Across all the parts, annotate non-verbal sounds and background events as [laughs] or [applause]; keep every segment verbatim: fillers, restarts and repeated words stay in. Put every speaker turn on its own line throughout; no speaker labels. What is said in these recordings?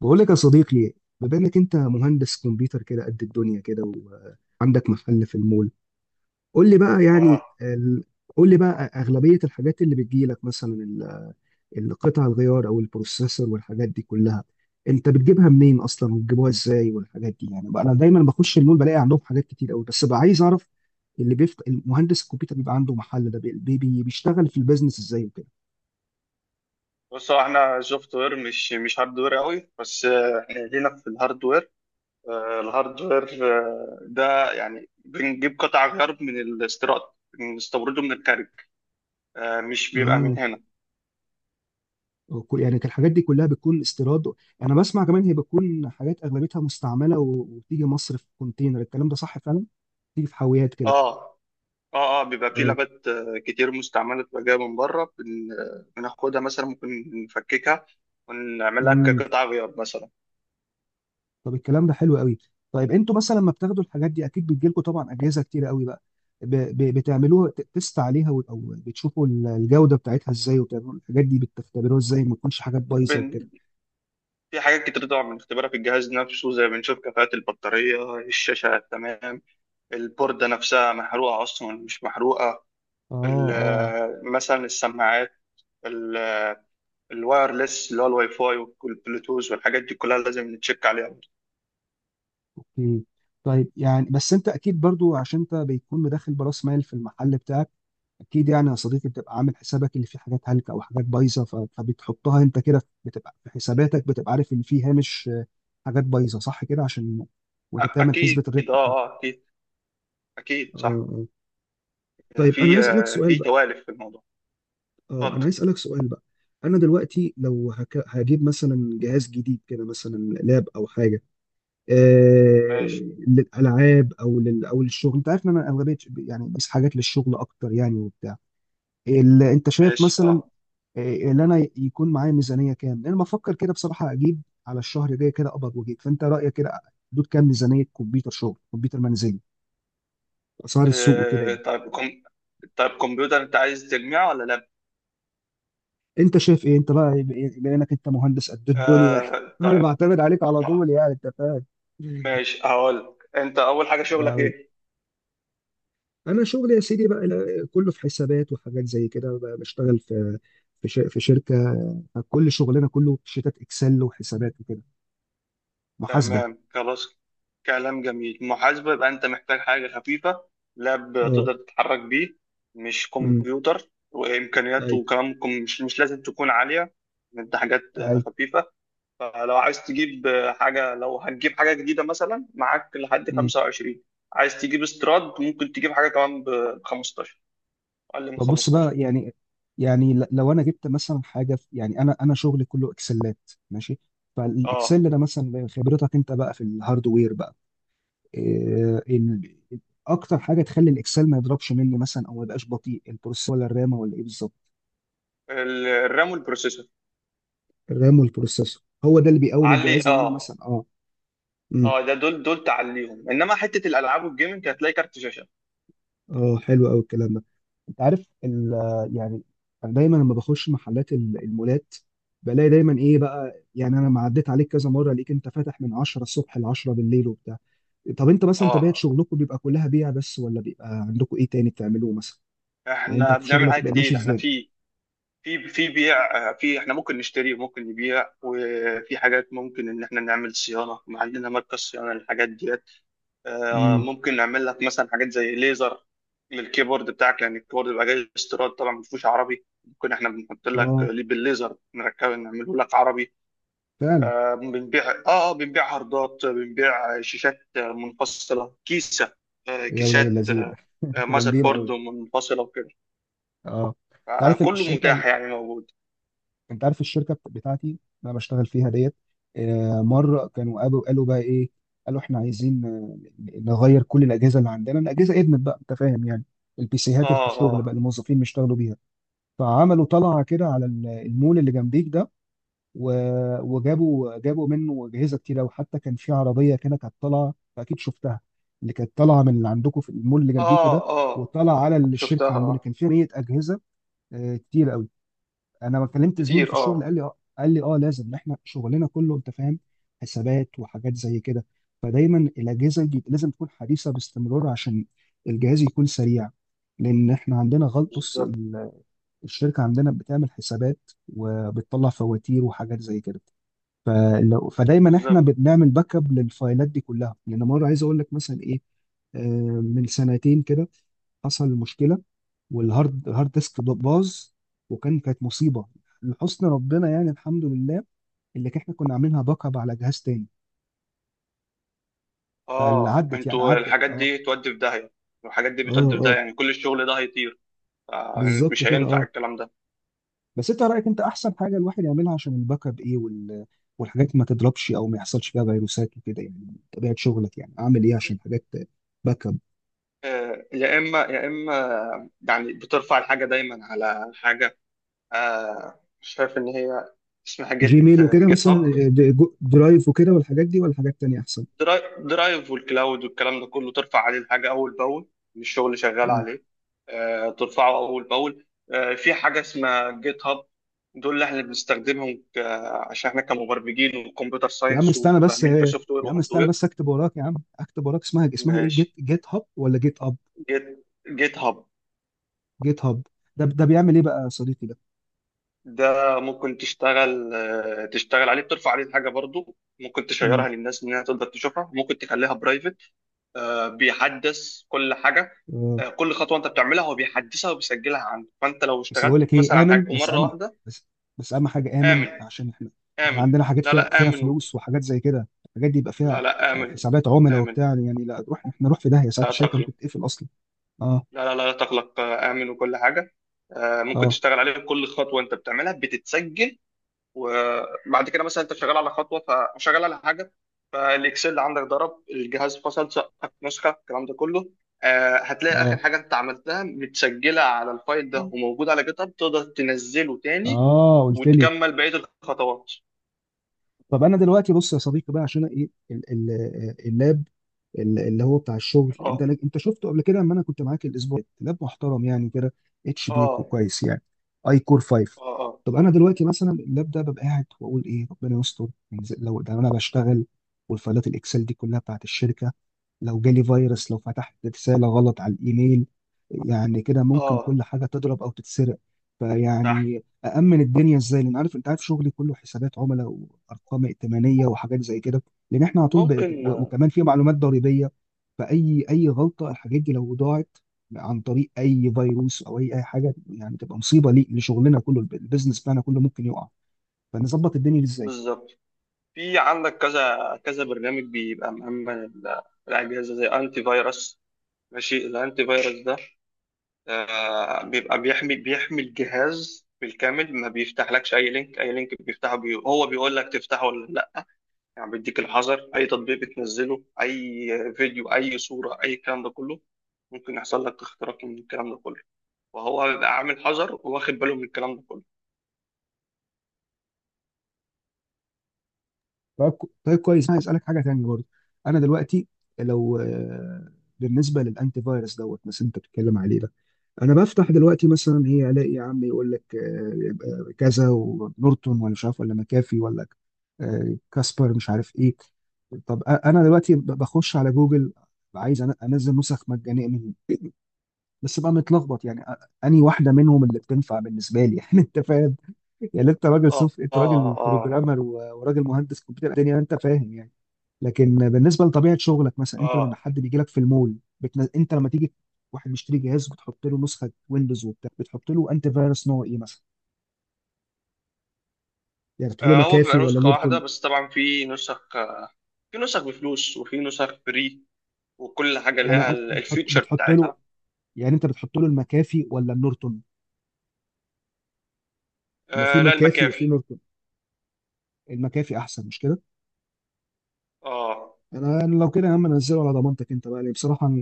بقول لك يا صديقي، بما انك انت مهندس كمبيوتر كده قد الدنيا كده وعندك محل في المول، قول لي بقى
اه،
يعني ال- قول لي بقى اغلبيه الحاجات اللي بتجي لك مثلا ال- القطع الغيار او البروسيسور والحاجات دي كلها، انت بتجيبها منين اصلا وبتجيبوها ازاي والحاجات دي؟ يعني بقى انا دايما بخش المول بلاقي عندهم حاجات كتير قوي، بس بقى عايز اعرف اللي بيفت... المهندس الكمبيوتر بيبقى عنده محل ده بي... بي... بيشتغل في البيزنس ازاي وكده.
بص، هو احنا سوفت وير، مش مش هاردوير قوي. بس آه، احنا لينا في الهاردوير. آه، الهاردوير، آه، ده يعني بنجيب قطع غيار من الاستيراد، بنستورده من الخارج، آه، مش بيبقى من
اه،
هنا.
وكل- يعني الحاجات دي كلها بتكون استيراد؟ انا بسمع كمان هي بتكون حاجات اغلبيتها مستعمله و- وتيجي مصر في كونتينر، الكلام ده صح فعلا؟ تيجي في حاويات كده؟
اه، اه، اه، بيبقى في
اه.
لابات آه، كتير مستعمله، بتبقى جايه من بره. بن- آه، بناخدها مثلا، ممكن نفككها ونعملها
امم
كقطع غيار مثلا.
طب الكلام ده حلو قوي. طيب انتوا مثلا لما بتاخدوا الحاجات دي اكيد بتجيلكوا طبعا اجهزه كتير قوي بقى، ب... ب... بتعملوها ت- تست عليها و- او بتشوفوا ال- الجوده بتاعتها ازاي؟ وبتعملوا الحاجات دي بتختبروها ازاي ما تكونش حاجات بايظه وكده؟
بن... في حاجات كتير طبعا بنختبرها في الجهاز نفسه، زي بنشوف كفاءة البطارية، الشاشة تمام، البوردة نفسها محروقة أصلا مش محروقة،
اه، اه.
ال- مثلا السماعات، ال- الوايرلس اللي هو الواي فاي والبلوتوث والحاجات دي كلها لازم نتشيك عليها.
اوكي، طيب يعني بس انت اكيد برضو عشان انت بيكون مدخل براس مال في المحل بتاعك، اكيد يعني يا صديقي بتبقى عامل حسابك ان في حاجات هلكه او حاجات بايظه، ف- فبتحطها انت كده، بتبقى في حساباتك، بتبقى عارف ان في هامش آه، حاجات بايظه، صح كده؟ عشان وانت
أ-
بتعمل
أكيد
حسبه الربح
أه
بتاعتك.
آه، أكيد. أكيد
اه،
صح.
اه. طيب انا
في
عايز اسالك
آه،
سؤال
في
بقى.
توالف في الموضوع.
اه، انا
اتفضل.
عايز اسالك سؤال بقى. انا دلوقتي لو هك... هجيب مثلا جهاز جديد كده، مثلا لاب او حاجه، آه...
ماشي.
للالعاب او لل... او للشغل، انت عارف ان انا اغلبيه يعني بس حاجات للشغل اكتر يعني وبتاع، ال... انت شايف
ماشي.
مثلا
أه
إيه، اللي انا يكون معايا ميزانيه كام؟ انا بفكر كده بصراحه اجيب على الشهر الجاي كده قبض واجيب، فانت رايك كده حدود كام ميزانيه كمبيوتر شغل، كمبيوتر منزلي، اسعار السوق وكده
آه،
يعني.
طيب كم. طيب كمبيوتر أنت عايز تجميعه ولا لأ؟
انت شايف ايه انت بقى، ب- بما انك انت مهندس قد الدنيا؟
آه،
[laughs] انا
طيب.
بعتمد عليك على
آه،
طول يعني انت فاهم.
ماشي، هقول لك. أنت أول حاجة شغلك
أقول.
إيه؟
انا شغلي يا سيدي بقى لا- كله في حسابات وحاجات زي كده بقى، بشتغل في في ش- في شركه، كل شغلنا كله شيتات اكسل وحسابات وكده، محاسبه.
تمام، خلاص. كلام جميل، محاسبة، يبقى أنت محتاج حاجة خفيفة، لاب
اه.
تقدر تتحرك بيه، مش
امم
كمبيوتر
اي،
وإمكانياته كمان كم- مش مش لازم تكون عالية. أنت حاجات آه،
اي.
خفيفة. فلو عايز تجيب آه، حاجة، لو هتجيب حاجة جديدة مثلا، معاك لحد خمسة وعشرين، عايز تجيب استراد ممكن تجيب حاجة كمان ب خمستاشر، أقل من
طب بص
خمستاشر.
بقى يعني، يعني ل- لو انا جبت مثلا حاجه في، يعني انا انا شغلي كله اكسلات، ماشي،
أه،
فالاكسل ده مثلا خبرتك انت بقى في الهاردوير بقى، إيه ال... اكتر حاجه تخلي الاكسل ما يضربش مني مثلا او ما يبقاش بطيء؟ البروسيسور ولا الرامه ولا ايه بالظبط؟
ال- الرام والبروسيسور.
الرام والبروسيسور هو ده اللي بيقوم
علي
الجهاز لو انا
أه،
مثلا؟ اه.
اه، ده دول دول تعليهم، انما حته الالعاب والجيمنج هتلاقي كارت شاشه.
اه، حلو قوي الكلام ده. انت عارف ال- يعني انا دايما لما بخش محلات ال- المولات، بلاقي دايما ايه بقى، يعني انا ما عديت عليك كذا مره ليك، انت فاتح من عشرة الصبح ل عشرة بالليل وبتاع. طب انت مثلا طبيعه
اه،
شغلكم بيبقى كلها بيع بس ولا بيبقى عندكم ايه تاني بتعملوه مثلا؟ يعني انت
احنا
في
بنعمل
شغلك
حاجات
بيبقى ماشي
كتير، احنا
ازاي؟
في في في بيع، آه، في احنا ممكن نشتري وممكن نبيع، وفي حاجات ممكن ان احنا نعمل صيانه، ما عندنا مركز صيانه للحاجات ديت. آه،
امم،
ممكن نعمل لك مثلا حاجات زي ليزر للكيبورد بتاعك، لان الكيبورد بيبقى جاي استيراد طبعا، ما فيهوش عربي، ممكن احنا بنحط لك
اه،
ليه بالليزر، نركب نعمله لك عربي.
فعلا.
آه، بنبيع. اه، آه، بنبيع هاردات، بنبيع شاشات منفصله، كيسه، آه،
يا ولاد
كيسات،
اللذين، [laughs]
آه،
انت
ماذر
جامدين
بورد
قوي.
منفصله،
اه. انت
آه،
عارف
كله
الشركه،
متاح، يعني موجود.
انت عارف الشركه بت- بتاعتي اللي انا بشتغل فيها ديت، آه، مره كانوا قالوا قالوا بقى ايه، قالوا احنا عايزين آه، نغير كل الاجهزه اللي عندنا، الاجهزه ادمت بقى انت فاهم يعني، البي سيهات اللي في
اه،
الشغل بقى
اه،
الموظفين بيشتغلوا بيها. فعملوا طلعه كده على ال- المول اللي جنبيك ده و- وجابوا جابوا منه اجهزه كتير قوي، حتى كان في عربيه كده كانت طالعه اكيد شفتها، اللي كانت طالعه من اللي عندكم في المول اللي جنبيكوا ده
اه، اه،
وطالعه على
شفتها،
الشركه عندنا،
اه،
كان فيها مية اجهزه. آه، كتير قوي. انا ما كلمت زميلي في
كتير.
الشغل
اه،
قال لي اه، قال لي اه لازم احنا شغلنا كله انت فاهم، حسابات وحاجات زي كده، فدايما الاجهزه دي لازم تكون حديثه باستمرار عشان الجهاز يكون سريع. لان احنا عندنا غلط، بص
بالظبط.
ال- الشركه عندنا بتعمل حسابات وبتطلع فواتير وحاجات زي كده، فلو فدايما احنا
بالظبط،
بنعمل باك اب للفايلات دي كلها. لان مره عايز اقول لك مثلا ايه، آه، من سنتين كده حصل مشكله، والهارد هارد ديسك باظ، وكان كانت مصيبه. لحسن ربنا يعني الحمد لله، اللي احنا كنا عاملينها باك اب على جهاز تاني، فاللي
اه،
عدت يعني
انتوا
عدت
الحاجات
اه،
دي تودي في داهية، الحاجات دي
اه،
بتودي في داهية،
اه.
يعني كل الشغل ده هيطير. آه،
بالظبط
مش
كده،
هينفع
اه.
الكلام ده.
بس انت رايك انت احسن حاجه الواحد يعملها عشان الباك اب ايه وال... والحاجات ما تضربش او ما يحصلش فيها فيروسات وكده؟ يعني طبيعه شغلك يعني اعمل ايه عشان حاجات باك اب؟
آه، يا اما يا اما، يعني بترفع الحاجه دايما على حاجه. آه، شايف ان هي اسمها جيت
جيميل وكده
جيت
مثلا،
هاب.
د- جو- درايف وكده والحاجات دي، ولا حاجات تانية احسن؟
دراي- درايف والكلاود والكلام ده كله، ترفع عليه الحاجه اول باول، الشغل اللي شغال
مم.
عليه. آه، ترفعه اول باول. آه، في حاجه اسمها جيت هاب، دول اللي احنا بنستخدمهم ك... عشان احنا كمبرمجين وكمبيوتر
يا عم
ساينس
استنى بس،
وفاهمين
آه،
كسوفت وير
يا عم استنى
وهاردوير.
بس اكتب وراك، يا عم اكتب وراك، اسمها اسمها ايه،
ماشي.
جيت جيت هاب ولا جيت اب؟
جيت جيت هاب.
جيت هاب. ده ده بيعمل ايه بقى يا صديقي ده؟
ده ممكن تشتغل آه، تشتغل عليه، بترفع عليه الحاجه برضو، ممكن
مم.
تشيرها للناس انها تقدر تشوفها، ممكن تخليها برايفت. آه، بيحدث كل حاجه.
آه.
آه، كل خطوه انت بتعملها هو بيحدثها وبيسجلها عنده، فانت لو
بس بقول
اشتغلت
لك
مثلا
ايه،
على حاجه،
امن بس
ومره
اما،
واحده
بس، بس اهم حاجه امن،
امن.
عشان احنا، احنا
امن.
عندنا حاجات
لا،
فيها،
لا،
فيها
امن.
فلوس وحاجات زي كده، الحاجات دي يبقى
لا،
فيها
لا،
آه،
امن،
حسابات عملاء وبتاع
امن.
يعني، لا روح احنا نروح في داهيه، ساعات
لا
الشركه ممكن
تقلق.
تقفل اصلا. اه،
لا، لا، لا تقلق. آه، امن، وكل حاجه. آه، ممكن
اه،
تشتغل عليه، كل خطوه انت بتعملها بتتسجل. وبعد كده مثلا انت شغال على خطوه، فشغال على حاجه، فالاكسل عندك ضرب الجهاز، فصل سقفك نسخه الكلام ده كله، آه، هتلاقي اخر
اه،
حاجه انت عملتها متسجله على الفايل ده وموجود على جيت هاب، تقدر تنزله تاني
اه، قلت لي.
وتكمل بقيه الخطوات.
طب انا دلوقتي بص يا صديقي بقى عشان ايه ال- ال- اللاب، ال- اللي هو بتاع الشغل انت
اه،
لك، انت شفته قبل كده لما انا كنت معاك الاسبوع اللي فات. لاب محترم يعني كده، اتش بي
اه،
كويس يعني، اي كور فايف.
اه، اه،
طب انا دلوقتي مثلا اللاب ده ببقى قاعد واقول ايه ربنا يستر يعني، زي- لو ده انا بشتغل والفايلات الاكسل دي كلها بتاعت الشركه، لو جالي فيروس، لو فتحت رساله غلط على الايميل، يعني كده ممكن
اه،
كل حاجه تضرب او تتسرق،
صح.
فيعني أأمن الدنيا إزاي؟ لأن عارف، أنت عارف شغلي كله حسابات عملاء وأرقام ائتمانية وحاجات زي كده، لأن إحنا على طول ب...
ممكن،
و...
آه،
وكمان في معلومات ضريبية، فأي أي غلطة، الحاجات دي لو ضاعت عن طريق أي فيروس أو أي أي حاجة يعني تبقى مصيبة، لي لشغلنا كله، الب- البيزنس بتاعنا كله ممكن يقع، فنظبط الدنيا دي إزاي؟
بالظبط. في عندك كذا كذا برنامج بيبقى مأمن ال- الأجهزة، زي أنتي فيروس. ماشي. الأنتي فيروس ده آه، بيبقى بيحمي بيحمي الجهاز بالكامل، ما بيفتحلكش اي لينك، اي لينك بيفتحه بي... هو بيقول لك تفتحه ولا لا، يعني بيديك الحذر، اي تطبيق بتنزله، اي فيديو، اي صورة، اي الكلام ده كله ممكن يحصل لك اختراق من الكلام ده كله، وهو بيبقى عامل حذر، واخد باله من الكلام ده كله.
طيب، ك- طيب كويس، أنا هسألك حاجة تانية برضه. أنا دلوقتي لو آه، بالنسبة للأنتي فيروس دوت مثلا أنت بتتكلم عليه ده، انا بفتح دلوقتي مثلا ايه الاقي يا عم، يقول لك آه، يبقى كذا ونورتون ولا مش عارف ولا مكافي ولا آه، كاسبر، مش عارف ايه. طب أ- انا دلوقتي ب- بخش على جوجل، عايز أن- انزل نسخ مجانيه منهم، بس بقى متلخبط يعني أ- انهي واحده منهم اللي بتنفع بالنسبه لي؟ [laughs] يعني انت فاهم يعني، انت راجل
اه،
سوف، انت
اه،
راجل
اه،
بروجرامر و- وراجل مهندس كمبيوتر الدنيا يعني انت فاهم يعني. لكن بالنسبه لطبيعه شغلك مثلا انت لما
اه،
حد بيجي لك في المول، بتن... انت لما تيجي واحد مشتري جهاز، بتحط له نسخه ويندوز وبتاع، بتحط له انت فيروس نوع ايه مثلا؟ يعني بتحط له
آه، هو
مكافي
بيبقى
ولا
نسخة واحدة
نورتون؟
بس، طبعا في نسخ في نسخ بفلوس، وفي نسخ فري، وكل حاجة
يعني
لها
أنا-
ال-
بتحط
الفيتشر
بتحط له،
بتاعتها.
يعني انت بتحط له المكافي ولا النورتون؟ ما في
آه، لا،
مكافي وفي
المكافي.
نورتون، المكافي احسن مش كده؟
اه.
انا أنا لو كده يا عم انزله على ضمانتك انت بقى، ليه بصراحه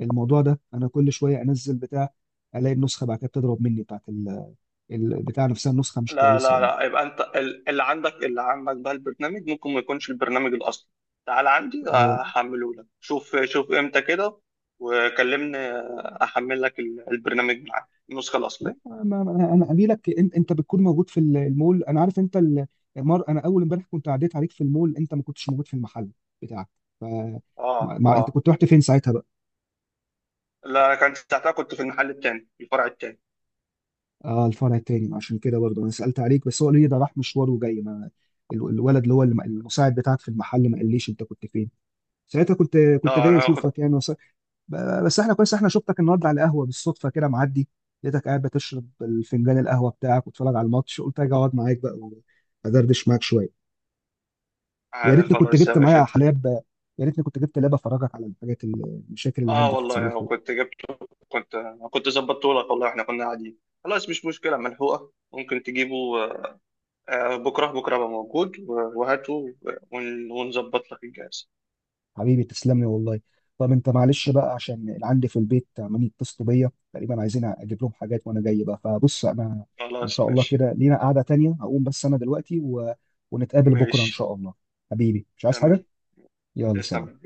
الموضوع ده انا كل شويه انزل بتاع، الاقي النسخه بعد كده بتضرب مني، بتاعت ال- البتاع نفسها النسخه مش
لا،
كويسه
لا،
يعني.
لا، يبقى انت ال- اللي عندك، اللي عندك بقى البرنامج ممكن ما يكونش البرنامج الاصلي. تعال عندي
أه.
هحمله لك، شوف شوف امتى كده وكلمني، احمل لك ال- البرنامج، معاك النسخه
لا
الاصليه.
ما ما- انا أنا قايل لك إن- انت بتكون موجود في ال- المول، انا عارف انت ال- مر، انا اول امبارح كنت عديت عليك في المول، انت ما كنتش موجود في المحل بتاعك ف،
اه،
مع... مع- انت
اه،
كنت رحت فين ساعتها بقى؟
لا، انا كان ساعتها كنت في المحل التاني، الفرع التاني.
اه، الفرع التاني. عشان كده برضه انا سالت عليك، بس هو قال لي ده راح مشوار وجاي، ما ال- الولد اللي هو الم- المساعد بتاعك في المحل ما قاليش انت كنت فين ساعتها، كنت كنت
لا،
جاي
انا كنت...
اشوفك يعني وس... ب- بس احنا كويس، احنا شفتك النهارده على قهوه بالصدفه كده معدي، لقيتك قاعد بتشرب الفنجان القهوه بتاعك وتتفرج على الماتش، قلت اجي اقعد معاك بقى وادردش معاك شويه. يا
آه،
ريتني كنت
خلاص يا
جبت
باشا.
معايا
انت...
حلاب، يا ريتني كنت جبت لاب افرجك على الحاجات ال- المشاكل اللي
اه،
عندي في
والله انا
تصلحها.
كنت جبته، كنت كنت ظبطته لك والله، احنا كنا قاعدين. خلاص، مش مشكله، ملحوقه، ممكن تجيبه. آه، آه، بكرة بكرة أبقى موجود، و- وهاته، ون- ونظبط لك الجهاز.
حبيبي تسلم لي والله. طب انت معلش بقى عشان اللي عندي في البيت عمالين يتصلوا بيا تقريبا، عايزين اجيب لهم حاجات وانا جاي بقى، فبص انا ان
خلاص
شاء الله
ماشي.
كده لينا قعدة تانية، هقوم بس انا دلوقتي و... ونتقابل بكرة ان
ماشي.
شاء الله. حبيبي مش عايز
تمام.
حاجة. يلا سلام.
تمام.